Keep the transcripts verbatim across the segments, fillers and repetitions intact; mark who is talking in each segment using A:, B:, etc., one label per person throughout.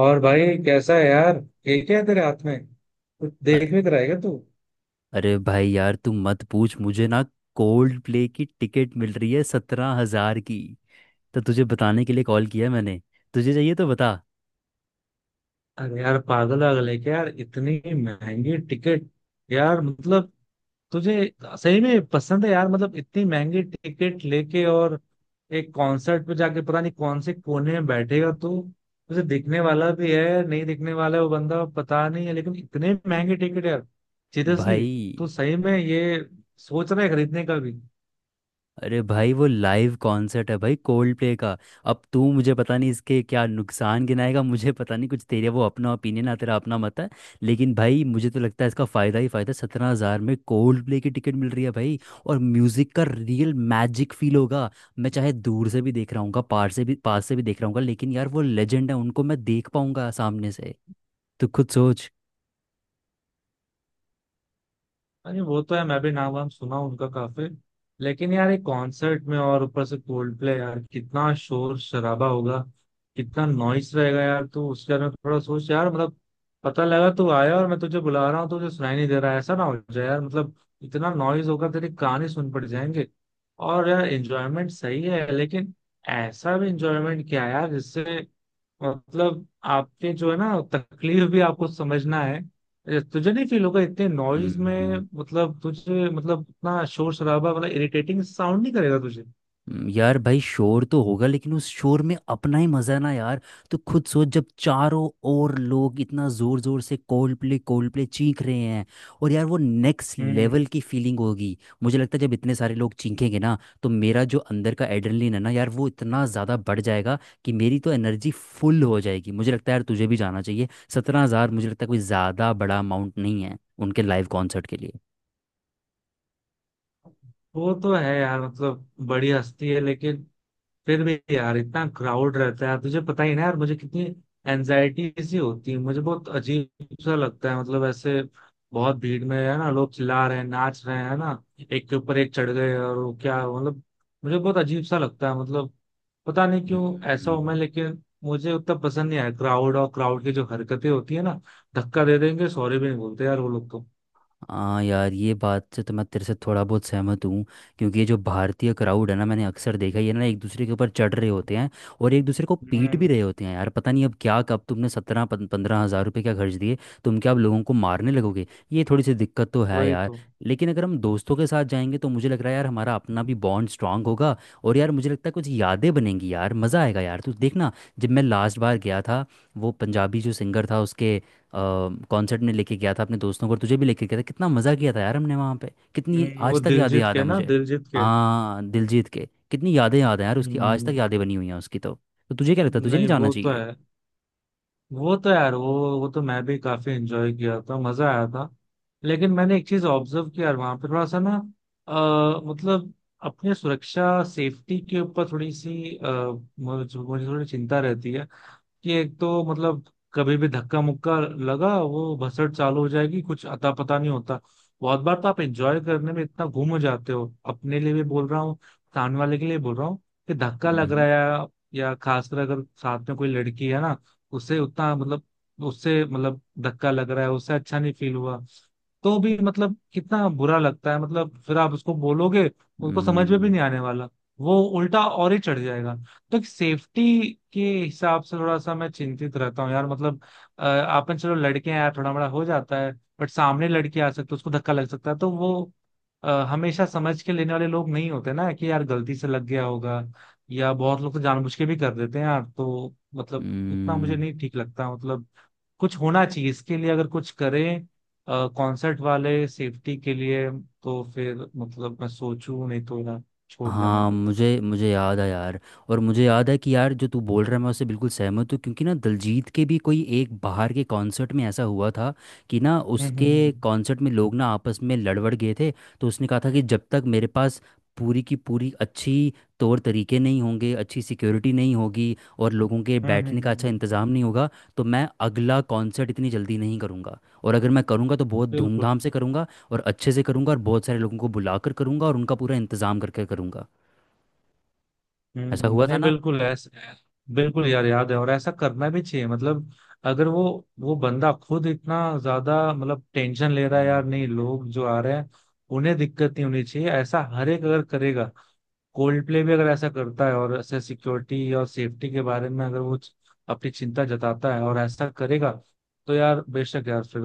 A: और भाई कैसा है यार। ये क्या है तेरे हाथ में। कुछ
B: अ-
A: देख भी तो रहेगा तू।
B: अरे भाई यार, तू मत पूछ मुझे ना। कोल्ड प्ले की टिकट मिल रही है सत्रह हज़ार की। तो तुझे बताने के लिए कॉल किया मैंने। तुझे चाहिए तो बता
A: अरे यार पागल वागल है क्या यार, इतनी महंगी टिकट। यार मतलब तुझे सही में पसंद है यार, मतलब इतनी महंगी टिकट लेके, और एक कॉन्सर्ट पे जाके पता नहीं कौन से कोने में बैठेगा तू। तुझे दिखने वाला भी है, नहीं दिखने वाला है वो बंदा पता नहीं है, लेकिन इतने महंगे टिकट यार। सीरियसली तू
B: भाई।
A: सही में ये सोच रहा है खरीदने का भी।
B: अरे भाई वो लाइव कॉन्सर्ट है भाई, कोल्ड प्ले का। अब तू मुझे पता नहीं इसके क्या नुकसान गिनाएगा, मुझे पता नहीं, कुछ तेरे वो अपना ओपिनियन है, तेरा अपना मत है। लेकिन भाई मुझे तो लगता है इसका फ़ायदा ही फ़ायदा। सत्रह हज़ार में कोल्ड प्ले की टिकट मिल रही है भाई। और म्यूज़िक का रियल मैजिक फील होगा। मैं चाहे दूर से भी देख रहा हूँ, पार से भी, पास से भी देख रहा हूँ, लेकिन यार वो लेजेंड है, उनको मैं देख पाऊंगा सामने से। तू खुद सोच।
A: अरे वो तो है, मैं भी नाम वाम सुना हूं उनका काफी। लेकिन यार एक कॉन्सर्ट में और ऊपर से कोल्ड प्ले, यार कितना शोर शराबा होगा, कितना नॉइस रहेगा यार, तो उसके बारे में थोड़ा सोच यार मतलब। पता लगा तू आया और मैं तुझे बुला रहा हूँ तो तुझे सुनाई नहीं दे रहा है। ऐसा ना हो जाए यार, मतलब इतना नॉइस होगा तेरी कान ही सुन पड़ जाएंगे। और यार एंजॉयमेंट सही है, लेकिन ऐसा भी एंजॉयमेंट क्या है यार जिससे, मतलब आपने जो है ना तकलीफ भी आपको समझना है। ए, तुझे नहीं फील होगा इतने नॉइज में,
B: हम्म।
A: मतलब तुझे, मतलब इतना शोर शराबा, मतलब इरिटेटिंग साउंड नहीं करेगा तुझे।
B: हम्म, यार भाई शोर तो होगा, लेकिन उस शोर में अपना ही मजा है ना यार। तो खुद सोच, जब चारों ओर लोग इतना जोर जोर से कोल्ड प्ले कोल्ड प्ले चीख रहे हैं। और यार वो नेक्स्ट लेवल
A: हम्म।
B: की फीलिंग होगी। मुझे लगता है जब इतने सारे लोग चीखेंगे ना, तो मेरा जो अंदर का एड्रेनलिन है ना यार, वो इतना ज़्यादा बढ़ जाएगा कि मेरी तो एनर्जी फुल हो जाएगी। मुझे लगता है यार तुझे भी जाना चाहिए। सत्रह हज़ार मुझे लगता है कोई ज़्यादा बड़ा अमाउंट नहीं है उनके लाइव कॉन्सर्ट के लिए।
A: वो तो है यार, मतलब बड़ी हस्ती है, लेकिन फिर भी यार इतना क्राउड रहता है यार, तुझे पता ही ना यार मुझे कितनी एनजाइटी सी होती है, मुझे बहुत अजीब सा लगता है, मतलब ऐसे बहुत भीड़ में है ना, लोग चिल्ला रहे हैं नाच रहे हैं है ना, एक के ऊपर एक चढ़ गए और वो क्या मतलब। मुझे बहुत अजीब सा लगता है मतलब, पता नहीं क्यों ऐसा
B: हम्म।
A: हूं मैं, लेकिन मुझे उतना पसंद नहीं आया क्राउड, और क्राउड की जो हरकतें होती है ना, धक्का दे देंगे, सॉरी भी नहीं बोलते यार वो लोग तो।
B: हाँ यार, ये बात से तो मैं तेरे से थोड़ा बहुत सहमत हूँ। क्योंकि ये जो भारतीय क्राउड है ना, मैंने अक्सर देखा है, ये ना एक दूसरे के ऊपर चढ़ रहे होते हैं और एक दूसरे को पीट भी
A: हम्म।
B: रहे होते हैं यार। पता नहीं अब क्या, कब तुमने सत्रह पंद्रह हज़ार रुपये क्या खर्च दिए, तुम क्या अब लोगों को मारने लगोगे। ये थोड़ी सी दिक्कत तो है
A: वही
B: यार।
A: तो।
B: लेकिन अगर हम दोस्तों के साथ जाएंगे तो मुझे लग रहा है यार, हमारा अपना भी बॉन्ड स्ट्रांग होगा। और यार मुझे लगता है कुछ यादें बनेंगी यार, मज़ा आएगा यार, तू देखना। जब मैं लास्ट बार गया था, वो पंजाबी जो सिंगर था उसके कॉन्सर्ट में लेके गया था अपने दोस्तों को, और तुझे भी लेके गया था, कितना मज़ा किया था यार हमने वहाँ पे, कितनी
A: हम्म, वो
B: आज तक यादें
A: दिलजीत
B: याद है
A: के ना,
B: मुझे।
A: दिलजीत के।
B: हाँ दिलजीत के, कितनी यादें याद है यार उसकी, आज तक
A: हम्म,
B: यादें बनी हुई हैं उसकी तो। तो तुझे क्या लगता है, तुझे नहीं
A: नहीं
B: जाना
A: वो तो
B: चाहिए?
A: है। वो तो यार, वो वो तो मैं भी काफी एंजॉय किया था, मजा आया था। लेकिन मैंने एक चीज ऑब्जर्व किया यार, वहां पे थोड़ा सा ना आ, मतलब अपने सुरक्षा सेफ्टी के ऊपर थोड़ी सी आ, मुझे मुझे थोड़ी चिंता रहती है कि एक तो मतलब कभी भी धक्का मुक्का लगा वो भसड़ चालू हो जाएगी, कुछ अता पता नहीं होता। बहुत बार तो आप एंजॉय करने में इतना गुम हो जाते हो, अपने लिए भी बोल रहा हूँ, सामने वाले के लिए बोल रहा हूँ कि धक्का लग रहा
B: हम्म।
A: है या, या खासकर अगर साथ में कोई लड़की है ना, उसे उतना, मतलब उससे, मतलब धक्का लग रहा है, उससे अच्छा नहीं फील हुआ, तो भी मतलब कितना बुरा लगता है, मतलब फिर आप उसको बोलोगे, उसको समझ में भी
B: हम्म।
A: नहीं आने वाला, वो उल्टा और ही चढ़ जाएगा। तो सेफ्टी के हिसाब से थोड़ा सा मैं चिंतित रहता हूँ यार, मतलब अ, आपन चलो लड़के हैं यार, थोड़ा बड़ा हो जाता है, बट सामने लड़की आ सकती है, उसको धक्का लग सकता है, तो वो अ, हमेशा समझ के लेने वाले लोग नहीं होते ना कि यार गलती से लग गया होगा, या बहुत लोग तो जानबूझ के भी कर देते हैं यार, तो मतलब उतना मुझे
B: हम्म,
A: नहीं ठीक लगता मतलब। कुछ होना चाहिए इसके लिए, अगर कुछ करें कॉन्सर्ट वाले सेफ्टी के लिए, तो फिर मतलब मैं सोचूं, नहीं तो यार छोड़ जाना
B: हाँ
A: चाहिए।
B: मुझे मुझे याद है यार। और मुझे याद है कि यार जो तू बोल रहा है, मैं उससे बिल्कुल सहमत हूँ, क्योंकि ना दिलजीत के भी कोई एक बाहर के कॉन्सर्ट में ऐसा हुआ था कि ना
A: हम्म
B: उसके
A: हम्म हम्म।
B: कॉन्सर्ट में लोग ना आपस में लड़बड़ गए थे। तो उसने कहा था कि जब तक मेरे पास पूरी की पूरी अच्छी तौर तरीके नहीं होंगे, अच्छी सिक्योरिटी नहीं होगी और लोगों के
A: हम्म
B: बैठने
A: हम्म
B: का अच्छा
A: हम्म।
B: इंतज़ाम नहीं होगा, तो मैं अगला कॉन्सर्ट इतनी जल्दी नहीं करूँगा। और अगर मैं करूँगा तो बहुत
A: बिल्कुल।
B: धूमधाम से करूँगा और अच्छे से करूँगा और बहुत सारे लोगों को बुलाकर करूँगा और उनका पूरा इंतज़ाम करके करूँगा। ऐसा
A: हम्म,
B: हुआ था
A: नहीं
B: ना।
A: बिल्कुल ऐसा। बिल्कुल यार, याद है, और ऐसा करना भी चाहिए, मतलब अगर वो वो बंदा खुद इतना ज्यादा, मतलब टेंशन ले रहा है
B: हम्म।
A: यार, नहीं लोग जो आ रहे हैं उन्हें दिक्कत नहीं होनी चाहिए। ऐसा हर एक अगर करेगा, कोल्ड प्ले भी अगर ऐसा करता है और ऐसे सिक्योरिटी और सेफ्टी के बारे में अगर वो च- अपनी चिंता जताता है और ऐसा करेगा, तो यार बेशक यार, फिर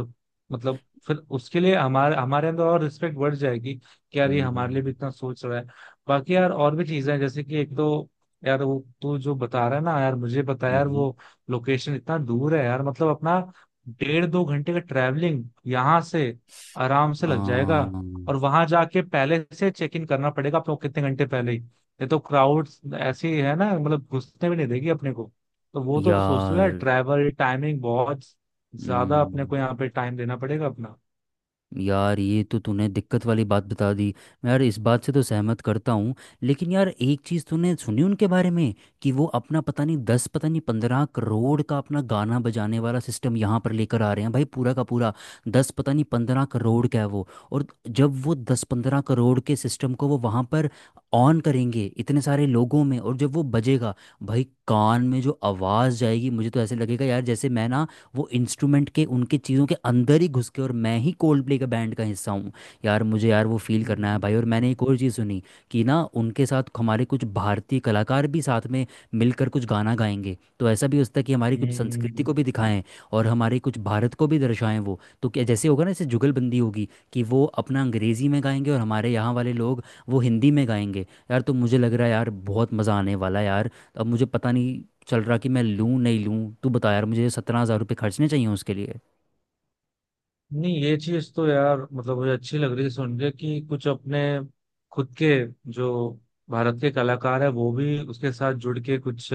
A: मतलब फिर उसके लिए हमारे हमारे अंदर और रिस्पेक्ट बढ़ जाएगी कि यार ये हमारे लिए भी
B: हम्म।
A: इतना सोच रहा है। बाकी यार और भी चीजें हैं, जैसे कि एक तो यार वो तू जो बता रहा है ना यार, मुझे पता है
B: हम्म।
A: यार
B: हम्म।
A: वो, लोकेशन इतना दूर है यार, मतलब अपना डेढ़ दो घंटे का ट्रैवलिंग यहाँ से आराम से लग जाएगा।
B: आ,
A: और वहां जाके पहले से चेक इन करना पड़ेगा अपने को कितने घंटे पहले ही, ये तो क्राउड ऐसी है ना, मतलब घुसने भी नहीं देगी अपने को, तो वो तो सोचो यार
B: यार।
A: ट्रैवल टाइमिंग बहुत ज्यादा, अपने
B: हम्म,
A: को यहाँ पे टाइम देना पड़ेगा अपना।
B: यार ये तो तूने दिक्कत वाली बात बता दी। मैं यार इस बात से तो सहमत करता हूँ। लेकिन यार एक चीज़ तूने सुनी उनके बारे में, कि वो अपना पता नहीं दस, पता नहीं पंद्रह करोड़ का अपना गाना बजाने वाला सिस्टम यहाँ पर लेकर आ रहे हैं भाई, पूरा का पूरा। दस पता नहीं पंद्रह करोड़ का है वो। और जब वो दस पंद्रह करोड़ के सिस्टम को वो वहाँ पर ऑन करेंगे इतने सारे लोगों में, और जब वो बजेगा, भाई कान में जो आवाज़ जाएगी, मुझे तो ऐसे लगेगा यार जैसे मैं ना वो इंस्ट्रूमेंट के उनके चीज़ों के अंदर ही घुस के, और मैं ही कोल्ड प्ले के बैंड का हिस्सा हूँ। यार मुझे यार वो फील करना है भाई। और
A: हम्म।
B: मैंने एक और चीज़ सुनी, कि ना उनके साथ हमारे कुछ भारतीय कलाकार भी साथ में मिलकर कुछ गाना गाएंगे। तो ऐसा भी हो सकता है कि हमारी कुछ संस्कृति को भी
A: हम्म,
B: दिखाएं और हमारे कुछ भारत को भी दर्शाएं। वो तो क्या जैसे होगा ना, जैसे जुगलबंदी होगी, कि वो अपना अंग्रेजी में गाएंगे और हमारे यहाँ वाले लोग वो हिंदी में गाएंगे। यार तो मुझे लग रहा है यार बहुत मज़ा आने वाला है यार। अब मुझे पता नहीं चल रहा कि मैं लूं नहीं लूं, तू बता यार मुझे सत्रह हज़ार रुपये खर्चने चाहिए उसके लिए?
A: नहीं ये चीज तो यार, मतलब मुझे अच्छी लग रही है सुन के कि कुछ अपने खुद के जो भारत के कलाकार है वो भी उसके साथ जुड़ के कुछ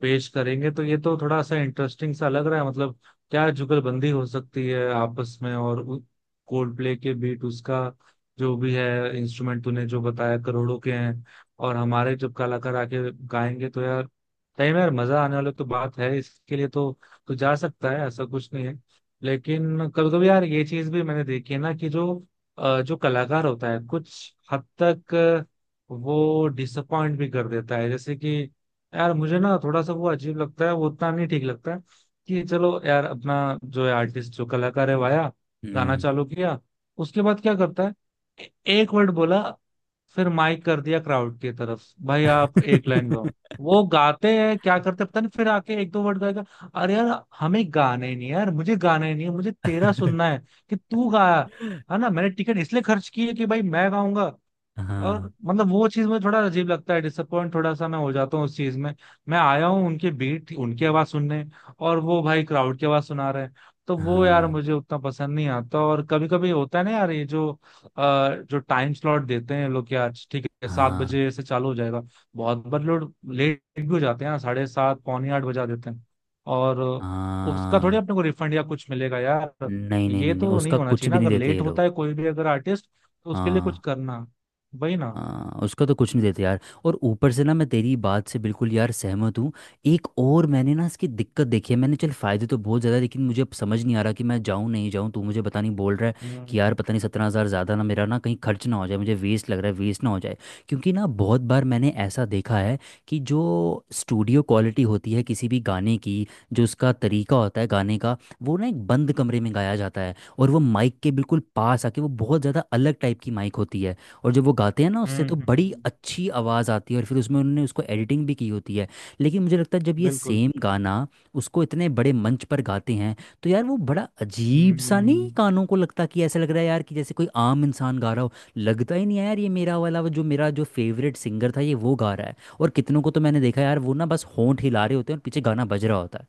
A: पेश करेंगे, तो ये तो थोड़ा सा इंटरेस्टिंग सा लग रहा है मतलब। क्या जुगलबंदी हो सकती है आपस में, और कोल्ड प्ले के बीट, उसका जो भी है इंस्ट्रूमेंट तूने जो बताया करोड़ों के हैं, और हमारे जब कलाकार आके गाएंगे तो यार सही में यार मजा आने वाला तो बात है इसके लिए तो। तो जा सकता है, ऐसा कुछ नहीं है। लेकिन कभी कभी यार ये चीज भी मैंने देखी है ना कि जो अ, जो कलाकार होता है, कुछ हद तक अ, वो डिसअपॉइंट भी कर देता है, जैसे कि यार मुझे ना थोड़ा सा वो अजीब लगता है, वो उतना नहीं ठीक लगता है कि चलो यार अपना जो है आर्टिस्ट, जो कलाकार है वो आया, गाना
B: हम्म।
A: चालू किया, उसके बाद क्या करता है, ए- एक वर्ड बोला, फिर माइक कर दिया क्राउड की तरफ, भाई आप एक लाइन गाओ, वो गाते हैं क्या करते हैं पता नहीं, फिर आके एक दो वर्ड गाएगा। अरे यार हमें गाना ही नहीं है यार, मुझे गाना ही नहीं है, मुझे तेरा सुनना है कि तू गाया, है ना, मैंने टिकट इसलिए खर्च की है कि भाई मैं गाऊंगा। और
B: हाँ।
A: मतलब वो चीज मुझे थोड़ा अजीब लगता है, डिसअपॉइंट थोड़ा सा मैं हो जाता हूँ उस चीज में। मैं आया हूँ उनके बीट उनकी आवाज सुनने, और वो भाई क्राउड की आवाज सुना रहे हैं, तो वो यार
B: हाँ।
A: मुझे उतना पसंद नहीं आता। और कभी कभी होता है ना यार ये जो अ, जो टाइम स्लॉट देते हैं लोग यार, ठीक है सात
B: हाँ।
A: बजे से चालू हो जाएगा, बहुत बार लोग लेट भी हो जाते हैं यार, साढ़े सात पौने आठ बजा देते हैं, और उसका थोड़ी
B: हाँ।
A: अपने को रिफंड या कुछ मिलेगा यार।
B: नहीं नहीं
A: ये
B: नहीं नहीं,
A: तो नहीं
B: उसका
A: होना
B: कुछ
A: चाहिए ना,
B: भी नहीं
A: अगर
B: देते
A: लेट
B: ये लोग।
A: होता है कोई भी अगर आर्टिस्ट, तो उसके लिए कुछ
B: हाँ।
A: करना, वही ना।
B: हाँ, उसका तो कुछ नहीं देते यार। और ऊपर से ना मैं तेरी बात से बिल्कुल यार सहमत हूँ। एक और मैंने ना इसकी दिक्कत देखी है मैंने, चल फ़ायदे तो बहुत ज़्यादा है, लेकिन मुझे अब समझ नहीं आ रहा कि मैं जाऊँ नहीं जाऊँ, तू मुझे पता नहीं बोल रहा है
A: हम्म
B: कि
A: हम्म
B: यार पता नहीं, सत्रह हज़ार ज़्यादा ना मेरा ना कहीं खर्च ना हो जाए, मुझे वेस्ट लग रहा है, वेस्ट ना हो जाए। क्योंकि ना बहुत बार मैंने ऐसा देखा है, कि जो स्टूडियो क्वालिटी होती है किसी भी गाने की, जो उसका तरीका होता है गाने का, वो ना एक बंद कमरे में गाया जाता है और वो माइक के बिल्कुल पास आके, वो बहुत ज़्यादा अलग टाइप की माइक होती है। और जब वो गाते हैं ना उससे
A: हम्म,
B: तो बड़ी
A: हम्म,
B: अच्छी आवाज़ आती है, और फिर उसमें उन्होंने उसको एडिटिंग भी की होती है। लेकिन मुझे लगता है जब ये
A: बिल्कुल।
B: सेम गाना उसको इतने बड़े मंच पर गाते हैं, तो यार वो बड़ा अजीब सा नहीं
A: हम्म
B: कानों को लगता, कि ऐसा लग रहा है यार कि जैसे कोई आम इंसान गा रहा हो। लगता ही नहीं है यार ये मेरा वाला वो, जो मेरा जो फेवरेट सिंगर था, ये वो गा रहा है। और कितनों को तो मैंने देखा यार, वो ना बस होंठ हिला रहे होते हैं और पीछे गाना बज रहा होता है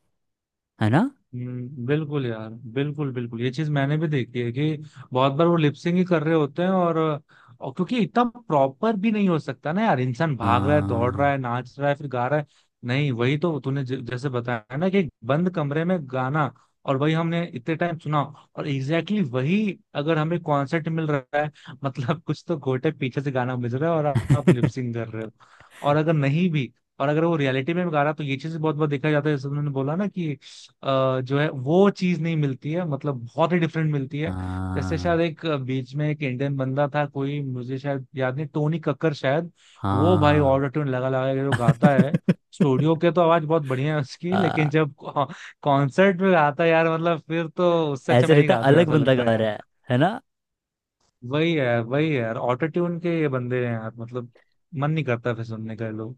B: है ना।
A: हम्म, बिल्कुल यार। बिल्कुल बिल्कुल, ये चीज मैंने भी देखी है कि बहुत बार वो लिपसिंग ही कर रहे होते हैं, और, और क्योंकि इतना प्रॉपर भी नहीं हो सकता ना यार, इंसान भाग रहा है दौड़ रहा
B: हाँ।
A: है नाच रहा है फिर गा रहा है। नहीं वही तो तूने ज- जैसे बताया ना कि एक बंद कमरे में गाना, और वही हमने इतने टाइम सुना, और एग्जैक्टली exactly वही अगर हमें कॉन्सर्ट मिल रहा है, मतलब कुछ तो घोटे, पीछे से गाना बज रहा है और आप लिपसिंग कर रहे हो। और अगर नहीं भी, और अगर वो रियलिटी में भी गा रहा है, तो ये चीज बहुत बार देखा जाता है, जैसे उन्होंने बोला ना कि अ, जो है वो चीज नहीं मिलती है, मतलब बहुत ही डिफरेंट मिलती है। जैसे
B: हाँ।
A: शायद एक अ, बीच में एक इंडियन बंदा था कोई, मुझे शायद याद नहीं, टोनी कक्कर शायद। वो भाई
B: हाँ।
A: ऑटो ट्यून लगा लगा के जो गाता है, स्टूडियो के तो आवाज बहुत बढ़िया है उसकी, लेकिन
B: हाँ,
A: जब कॉन्सर्ट में गाता है यार, मतलब फिर तो उससे अच्छा
B: ऐसे
A: मैं ही
B: लगता है
A: गा दूं
B: अलग
A: ऐसा
B: बंदा
A: लगता है
B: गा
A: यार।
B: रहा है है ना।
A: वही है, वही है यार, ऑटो ट्यून के ये बंदे हैं यार, मतलब मन नहीं करता फिर सुनने का ये लोग।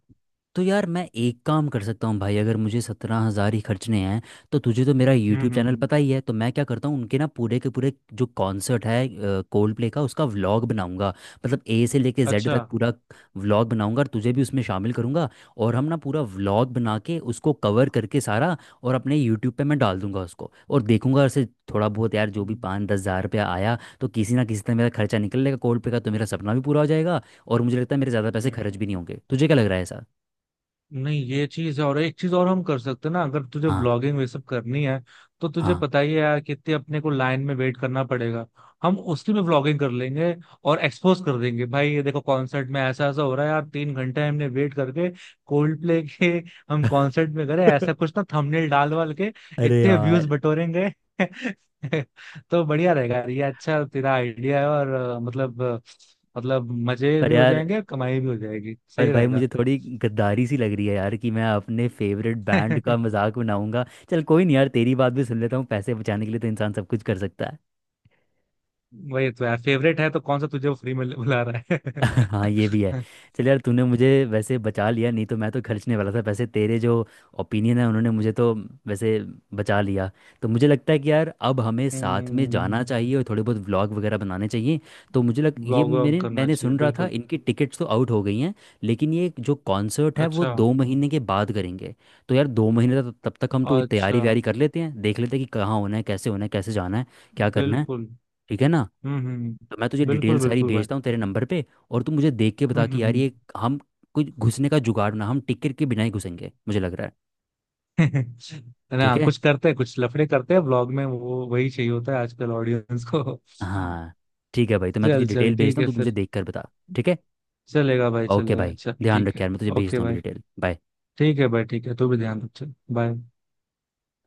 B: तो यार मैं एक काम कर सकता हूँ भाई, अगर मुझे सत्रह हज़ार ही खर्चने हैं। तो तुझे तो मेरा
A: हम्म
B: यूट्यूब
A: हम्म
B: चैनल
A: हम्म।
B: पता ही है, तो मैं क्या करता हूँ, उनके ना पूरे के पूरे जो कॉन्सर्ट है कोल्ड प्ले का, उसका व्लॉग बनाऊंगा। मतलब ए से लेके जेड
A: अच्छा।
B: तक पूरा व्लॉग बनाऊंगा, और तुझे भी उसमें शामिल करूंगा। और हम ना पूरा व्लॉग बना के उसको कवर करके सारा, और अपने यूट्यूब पे मैं डाल दूंगा उसको, और देखूंगा उसे। थोड़ा बहुत यार जो भी
A: हम्म,
B: पाँच दस हज़ार रुपया आया, तो किसी ना किसी तरह मेरा खर्चा निकल लेगा, कोल्ड प्ले का तो मेरा सपना भी पूरा हो जाएगा। और मुझे लगता है मेरे ज़्यादा पैसे खर्च भी नहीं
A: हम्म।
B: होंगे, तुझे क्या लग रहा है ऐसा?
A: नहीं ये चीज है, और एक चीज और हम कर सकते हैं ना, अगर तुझे
B: हाँ।
A: व्लॉगिंग वे सब करनी है तो तुझे
B: हाँ।
A: पता ही है यार कितने अपने को लाइन में वेट करना पड़ेगा, हम उसी में व्लॉगिंग कर लेंगे। और एक्सपोज कर देंगे भाई, ये देखो कॉन्सर्ट में ऐसा ऐसा हो रहा है यार, तीन घंटे हमने वेट करके कोल्ड प्ले के, हम कॉन्सर्ट में करे ऐसा कुछ ना, थंबनेल डाल वाल के
B: अरे
A: इतने व्यूज
B: यार।
A: बटोरेंगे। तो बढ़िया रहेगा यार, ये अच्छा तेरा आइडिया है, और अ, मतलब अ, मतलब मजे
B: पर
A: भी हो
B: यार,
A: जाएंगे, कमाई भी हो जाएगी,
B: पर
A: सही
B: भाई
A: रहेगा।
B: मुझे थोड़ी गद्दारी सी लग रही है यार, कि मैं अपने फेवरेट बैंड का मजाक बनाऊंगा। चल कोई नहीं यार, तेरी बात भी सुन लेता हूँ, पैसे बचाने के लिए तो इंसान सब कुछ कर सकता है।
A: वही तो यार, फेवरेट है तो कौन सा तुझे वो फ्री में बुला रहा
B: हाँ ये भी है।
A: है।
B: चल यार, तूने मुझे वैसे बचा लिया, नहीं तो मैं तो खर्चने वाला था पैसे। तेरे जो ओपिनियन है उन्होंने मुझे तो वैसे बचा लिया। तो मुझे लगता है कि यार अब हमें साथ में
A: हम्म।
B: जाना चाहिए और थोड़े बहुत व्लॉग वगैरह बनाने चाहिए। तो मुझे लग, ये
A: ब्लॉग वॉग
B: मेरे,
A: करना
B: मैंने
A: चाहिए
B: सुन रहा था
A: बिल्कुल।
B: इनकी टिकट्स तो आउट हो गई हैं। लेकिन ये जो कॉन्सर्ट है वो
A: अच्छा।
B: दो महीने के बाद करेंगे। तो यार दो महीने तक, तब तक हम तो
A: अच्छा।
B: तैयारी व्यारी कर लेते हैं, देख लेते हैं कि कहाँ होना है, कैसे होना है, कैसे जाना है, क्या करना है,
A: बिल्कुल।
B: ठीक है ना।
A: हम्म हम्म,
B: तो मैं तुझे
A: बिल्कुल
B: डिटेल सारी
A: बिल्कुल भाई।
B: भेजता हूँ तेरे नंबर पे, और तू मुझे देख के बता
A: हम्म
B: कि
A: हम्म
B: यार
A: हम्म।
B: ये हम कुछ घुसने का जुगाड़, ना हम टिकट के बिना ही घुसेंगे मुझे लग रहा है।
A: है
B: ठीक
A: ना,
B: है।
A: कुछ करते हैं, कुछ लफड़े करते हैं, ब्लॉग में वो वही चाहिए होता है आजकल ऑडियंस को।
B: हाँ ठीक है भाई, तो मैं तुझे
A: चल चल
B: डिटेल
A: ठीक
B: भेजता हूँ,
A: है
B: तू
A: फिर।
B: मुझे देख कर बता। ठीक है।
A: चलेगा भाई
B: ओके
A: चलेगा,
B: भाई,
A: चल
B: ध्यान
A: ठीक
B: रख
A: है।
B: यार, मैं तुझे
A: ओके
B: भेजता हूँ
A: भाई।
B: अभी डिटेल। बाय।
A: ठीक है भाई, ठीक है, तू भी ध्यान रख, चल बाय।